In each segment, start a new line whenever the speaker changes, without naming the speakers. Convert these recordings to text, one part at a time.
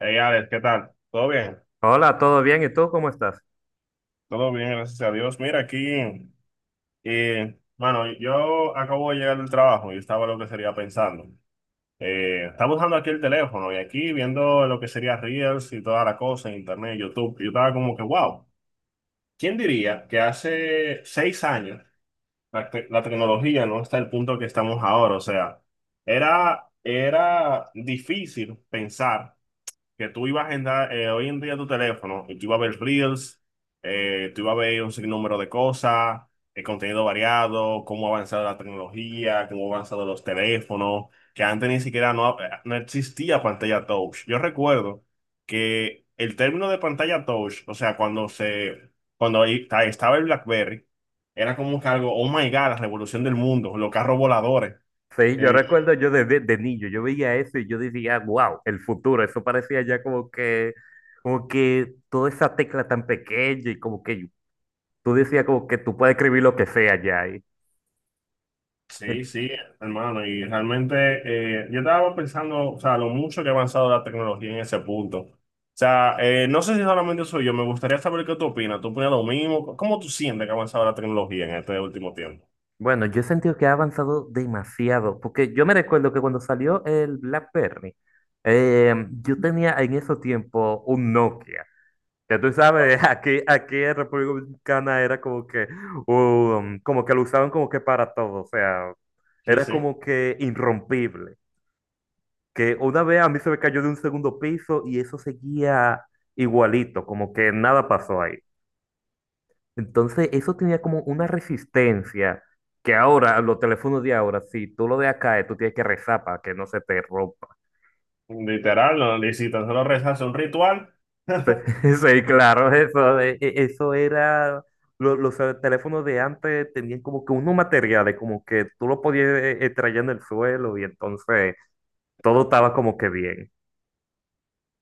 Hey Alex, ¿qué tal? ¿Todo bien?
Hola, ¿todo bien? ¿Y tú cómo estás?
Todo bien, gracias a Dios. Mira, aquí, bueno, yo acabo de llegar del trabajo y estaba lo que sería pensando. Estaba usando aquí el teléfono y aquí viendo lo que sería Reels y toda la cosa en Internet, YouTube. Yo estaba como que, wow, ¿quién diría que hace 6 años la tecnología no está al punto que estamos ahora? O sea, era difícil pensar que tú ibas a agendar hoy en día tu teléfono y tú ibas a ver Reels, tú ibas a ver un sinnúmero de cosas, el contenido variado, cómo ha avanzado la tecnología, cómo han avanzado los teléfonos, que antes ni siquiera no, no existía pantalla touch. Yo recuerdo que el término de pantalla touch, o sea, cuando ahí estaba el BlackBerry, era como que algo, oh my God, la revolución del mundo, los carros voladores.
Sí, yo recuerdo yo de niño, yo veía eso y yo decía, wow, el futuro, eso parecía ya como que toda esa tecla tan pequeña y como que tú decías como que tú puedes escribir lo que sea ya. Y,
Sí,
eh,
sí, hermano, y realmente yo estaba pensando, o sea, lo mucho que ha avanzado la tecnología en ese punto. O sea, no sé si solamente soy yo, me gustaría saber qué tú opinas. ¿Tú opinas lo mismo? ¿Cómo tú sientes que ha avanzado la tecnología en este último tiempo?
bueno, yo he sentido que ha avanzado demasiado, porque yo me recuerdo que cuando salió el BlackBerry, yo tenía en ese tiempo un Nokia. Ya tú sabes, aquí en República Dominicana era como que lo usaban como que para todo, o sea,
Sí,
era
sí,
como que irrompible. Que una vez a mí se me cayó de un segundo piso y eso seguía igualito, como que nada pasó ahí. Entonces, eso tenía como una resistencia que ahora, los teléfonos de ahora, si tú lo dejas caer, tú tienes que rezar para que no se te rompa.
literal, no, y si tan solo rezas un ritual.
Sí, sí, claro, eso era, los, teléfonos de antes tenían como que unos materiales, como que tú lo podías traer en el suelo y entonces todo estaba como que bien.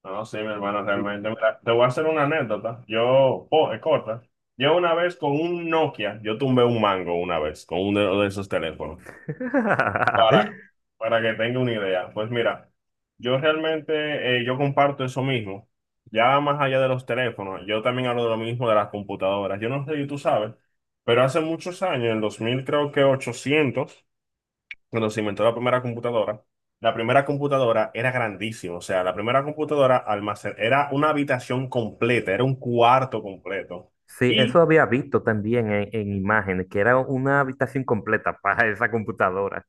No, sí, mi hermano,
Y-
realmente. Mira, te voy a hacer una anécdota. Oh, es corta. Yo una vez con un Nokia, yo tumbé un mango una vez con uno de esos teléfonos. Para, para que tenga una idea, pues mira, yo realmente yo comparto eso mismo. Ya más allá de los teléfonos, yo también hablo de lo mismo de las computadoras. Yo no sé si tú sabes, pero hace muchos años, en 2000 creo que 800 cuando se inventó la primera computadora era grandísima. O sea, la primera computadora almacén era una habitación completa, era un cuarto completo.
Sí, eso
Y
había visto también en imágenes, que era una habitación completa para esa computadora.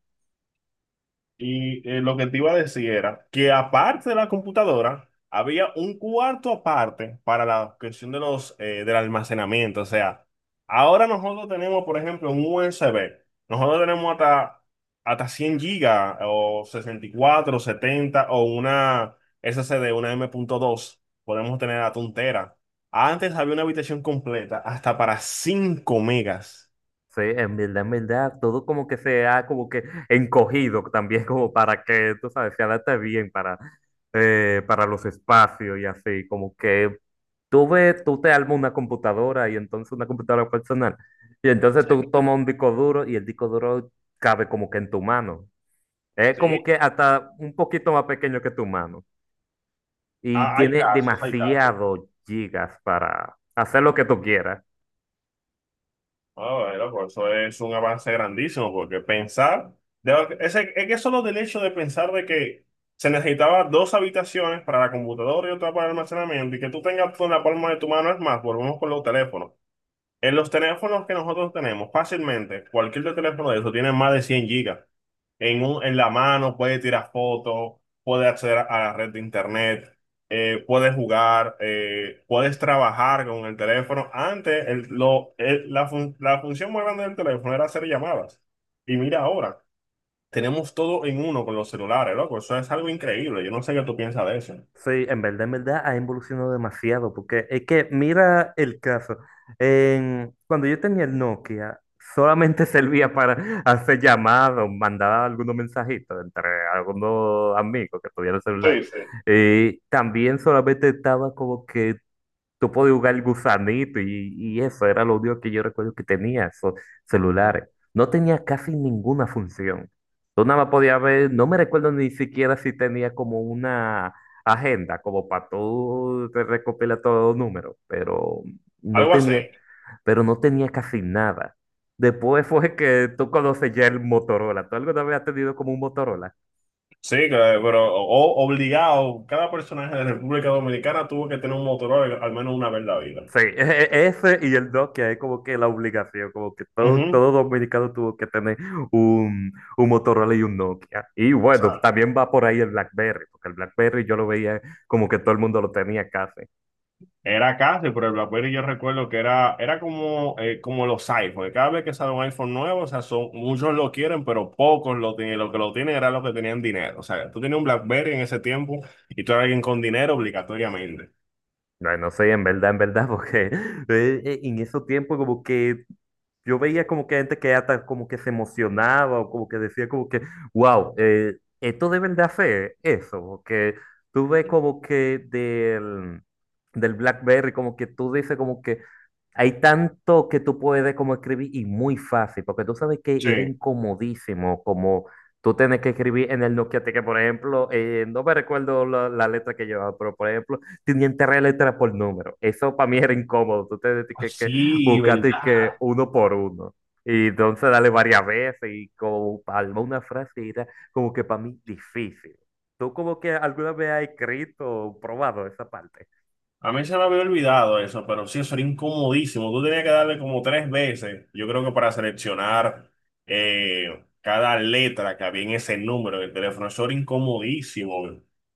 Y lo que te iba a decir era que aparte de la computadora, había un cuarto aparte para la cuestión de del almacenamiento. O sea, ahora nosotros tenemos, por ejemplo, un USB. Nosotros tenemos hasta 100 gigas o 64 70 o una SSD, una M punto dos. Podemos tener hasta un tera. Antes había una habitación completa hasta para 5 megas.
Sí, en verdad, todo como que se ha como que encogido también como para que, tú sabes, se adapte bien para los espacios y así, como que tú ves, tú te armas una computadora y entonces una computadora personal y entonces tú tomas un disco duro y el disco duro cabe como que en tu mano. Es como
Sí.
que hasta un poquito más pequeño que tu mano y
Ah, hay
tiene
casos, hay casos.
demasiado gigas para hacer lo que tú quieras.
Ah, bueno, pues eso es un avance grandísimo, porque pensar, es que solo del hecho de pensar de que se necesitaba dos habitaciones para la computadora y otra para el almacenamiento, y que tú tengas todo en la palma de tu mano, es más, volvemos con los teléfonos. En los teléfonos que nosotros tenemos, fácilmente, cualquier teléfono de eso tiene más de 100 gigas. En la mano puede tirar fotos, puede acceder a la red de internet, puedes jugar, puedes trabajar con el teléfono. Antes, la función más grande del teléfono era hacer llamadas. Y mira ahora, tenemos todo en uno con los celulares, loco. Eso es algo increíble. Yo no sé qué tú piensas de eso.
Sí, en verdad ha evolucionado demasiado, porque es que mira el caso. Cuando yo tenía el Nokia, solamente servía para hacer llamadas, mandar algunos mensajitos entre algunos amigos que tuvieran celular.
Sí, sí.
Y también solamente estaba como que. Tú podías jugar el gusanito y eso era lo único que yo recuerdo que tenía, esos celulares. No tenía casi ninguna función. Tú nada más podías ver, no me recuerdo ni siquiera si tenía como una agenda, como para tú te recopilar todos los números, no
Algo así.
tenía, pero no tenía casi nada. Después fue que tú conoces ya el Motorola. ¿Tú alguna vez has tenido como un Motorola?
Sí, claro, pero obligado, cada personaje de República Dominicana tuvo que tener un Motorola al menos una vez en la vida.
Sí, ese y el Nokia es como que la obligación, como que todo,
Ujú.
todo dominicano tuvo que tener un Motorola y un Nokia. Y bueno,
¿Sabes?
también va por ahí el BlackBerry, porque el BlackBerry yo lo veía como que todo el mundo lo tenía casi.
Era casi, pero el BlackBerry yo recuerdo que era, era como, como los iPhones. Cada vez que sale un iPhone nuevo, o sea, son, muchos lo quieren, pero pocos lo tienen. Lo que lo tienen era los que tenían dinero. O sea, tú tenías un BlackBerry en ese tiempo y tú eras alguien con dinero obligatoriamente.
Bueno, no sé, en verdad, porque en esos tiempos como que yo veía como que gente que hasta como que se emocionaba o como que decía como que, wow, esto deben de hacer eso, porque tú ves como que del BlackBerry, como que tú dices como que, hay tanto que tú puedes como escribir y muy fácil, porque tú sabes que
Sí.
era incomodísimo como tú tienes que escribir en el Nokia T, que por ejemplo, no me recuerdo la letra que llevaba, pero por ejemplo, tenían tres letras por número. Eso para mí era incómodo. Tú tenías
Ah,
que
sí,
buscar
¿verdad?
de que uno por uno. Y entonces darle varias veces y como palma una frase era como que para mí difícil. ¿Tú como que alguna vez has escrito o probado esa parte?
A mí se me había olvidado eso, pero sí, eso era incomodísimo. Tú tenías que darle como 3 veces, yo creo que para seleccionar cada letra que había en ese número del teléfono. Eso era incomodísimo.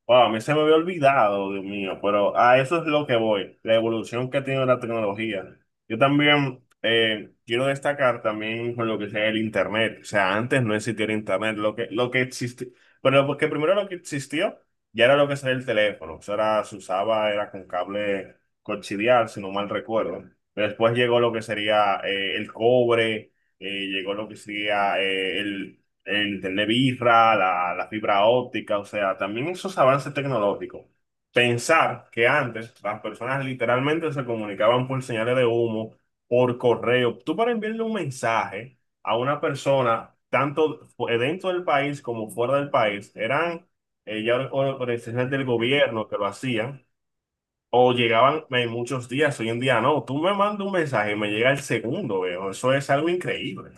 Wow, a mí se me había olvidado, Dios mío, pero a eso es lo que voy, la evolución que ha tenido la tecnología. Yo también quiero destacar también con lo que sea el Internet. O sea, antes no existía el Internet, lo que existía, pero porque primero lo que existió. Ya era lo que sería el teléfono, eso era, se usaba, era con cable coaxial, si no mal recuerdo. Después llegó lo que sería el cobre, llegó lo que sería el internet birra, la fibra óptica, o sea, también esos avances tecnológicos. Pensar que antes las personas literalmente se comunicaban por señales de humo, por correo. Tú para enviarle un mensaje a una persona, tanto dentro del país como fuera del país, eran ya organizaciones del gobierno que lo hacían, o llegaban en muchos días, hoy en día no, tú me mandas un mensaje y me llega el segundo, veo, eso es algo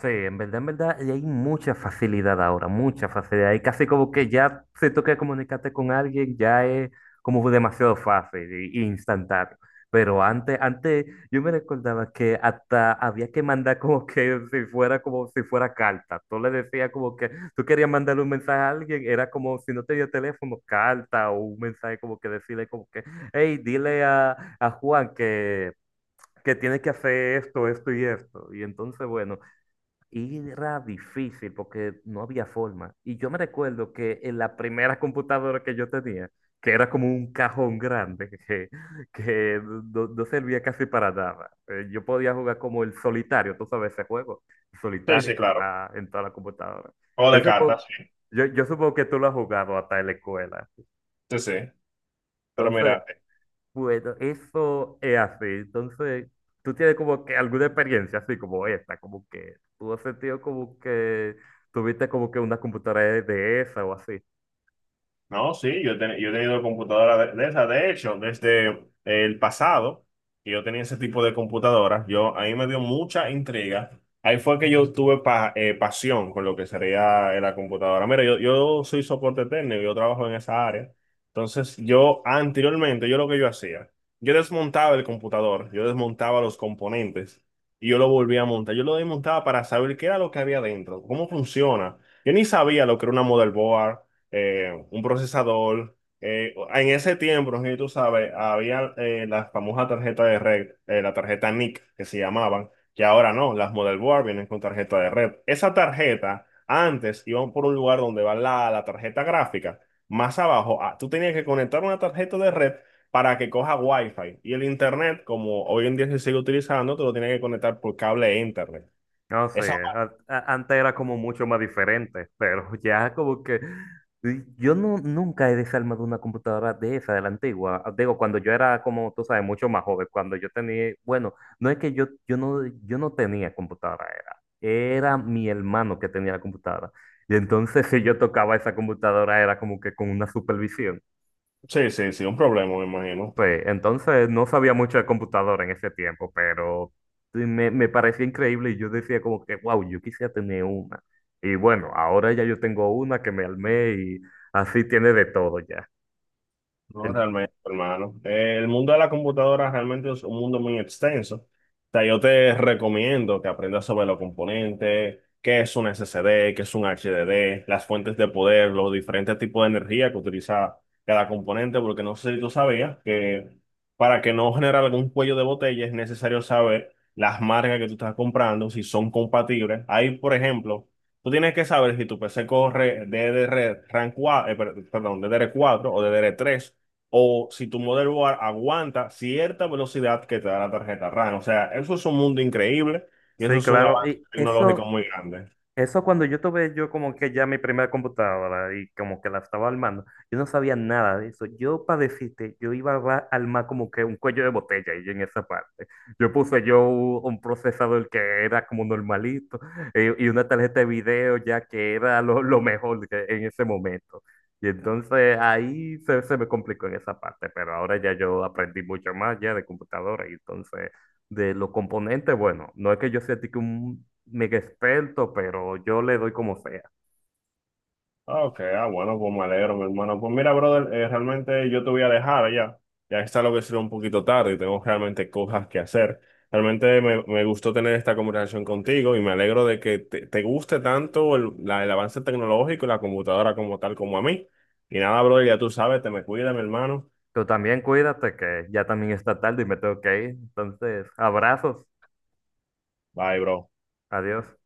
Sí, en verdad, y hay mucha facilidad ahora, mucha facilidad. Y casi como que ya se toca comunicarte con alguien, ya es como demasiado fácil e instantáneo. Pero antes yo me recordaba que hasta había que mandar como que si fuera como si fuera carta. Tú le decías como que tú querías mandarle un mensaje a alguien, era como si no tenía teléfono, carta o un mensaje como que decirle como que, hey, dile a Juan que tiene que hacer esto, esto y esto. Y entonces, bueno. Y era difícil porque no había forma. Y yo me recuerdo que en la primera computadora que yo tenía, que, era como un cajón grande, que no, no servía casi para nada, yo podía jugar como el solitario, tú sabes ese juego, el
Sí,
solitario
sí,
que
claro.
está en toda la computadora.
O
Yo
de
supongo,
cartas, sí,
yo supongo que tú lo has jugado hasta en la escuela.
sí. Sí. Pero
Entonces,
mira,
bueno, eso es así. Entonces, tú tienes como que alguna experiencia así como esta, como que tú has sentido como que tuviste como que una computadora de esa o así.
no, sí, yo, yo he tenido computadora de esas. De hecho, desde el pasado, que yo tenía ese tipo de computadora, a mí me dio mucha intriga. Ahí fue que yo tuve pasión con lo que sería la computadora. Mira, yo soy soporte técnico, yo trabajo en esa área. Entonces, yo anteriormente, yo lo que yo hacía, yo desmontaba el computador, yo desmontaba los componentes y yo lo volvía a montar. Yo lo desmontaba para saber qué era lo que había dentro, cómo funciona. Yo ni sabía lo que era una motherboard un procesador. En ese tiempo, no sé si tú sabes, había la famosa tarjeta de red, la tarjeta NIC que se llamaban, que ahora no, las model board vienen con tarjeta de red. Esa tarjeta antes iban por un lugar donde va la tarjeta gráfica, más abajo, ah, tú tenías que conectar una tarjeta de red para que coja Wi-Fi. Y el internet, como hoy en día se sigue utilizando, te lo tienes que conectar por cable a internet.
No sé,
Esa,
antes era como mucho más diferente, pero ya como que yo no nunca he desarmado una computadora de esa, de la antigua. Digo, cuando yo era como, tú sabes, mucho más joven, cuando yo tenía, bueno, no es que yo no tenía computadora, era mi hermano que tenía la computadora. Y entonces si yo tocaba esa computadora era como que con una supervisión.
sí, sí, sí, un problema, me imagino.
Sí, entonces no sabía mucho de computadora en ese tiempo, pero sí me parecía increíble y yo decía como que, wow, yo quisiera tener una. Y bueno, ahora ya yo tengo una que me armé y así tiene de todo ya.
No,
En-
realmente, hermano. El mundo de la computadora realmente es un mundo muy extenso. O sea, yo te recomiendo que aprendas sobre los componentes, qué es un SSD, qué es un HDD, las fuentes de poder, los diferentes tipos de energía que utiliza cada componente, porque no sé si tú sabías que para que no generar algún cuello de botella es necesario saber las marcas que tú estás comprando, si son compatibles. Ahí, por ejemplo, tú tienes que saber si tu PC corre DDR 4, perdón, DDR4 o DDR3 o si tu motherboard aguanta cierta velocidad que te da la tarjeta RAM. O sea, eso es un mundo increíble y eso
Sí,
es un
claro.
avance tecnológico muy grande.
Eso cuando yo tuve yo como que ya mi primera computadora y como que la estaba armando, yo no sabía nada de eso. Yo para decirte, yo iba a armar como que un cuello de botella y en esa parte. Yo puse yo un procesador que era como normalito y, una tarjeta de video ya que era lo mejor en ese momento. Y entonces ahí se me complicó en esa parte, pero ahora ya yo aprendí mucho más ya de computadora y entonces de los componentes, bueno, no es que yo sea tique un mega experto, pero yo le doy como sea.
Ok, ah, bueno, pues me alegro, mi hermano. Pues mira, brother, realmente yo te voy a dejar ya. Ya está lo que será un poquito tarde y tengo realmente cosas que hacer. Realmente me gustó tener esta conversación contigo y me alegro de que te guste tanto el avance tecnológico y la computadora como tal como a mí. Y nada, brother, ya tú sabes, te me cuida, mi hermano.
Tú también cuídate, que ya también está tarde y me tengo que ir. Entonces, abrazos,
Bye, bro.
adiós.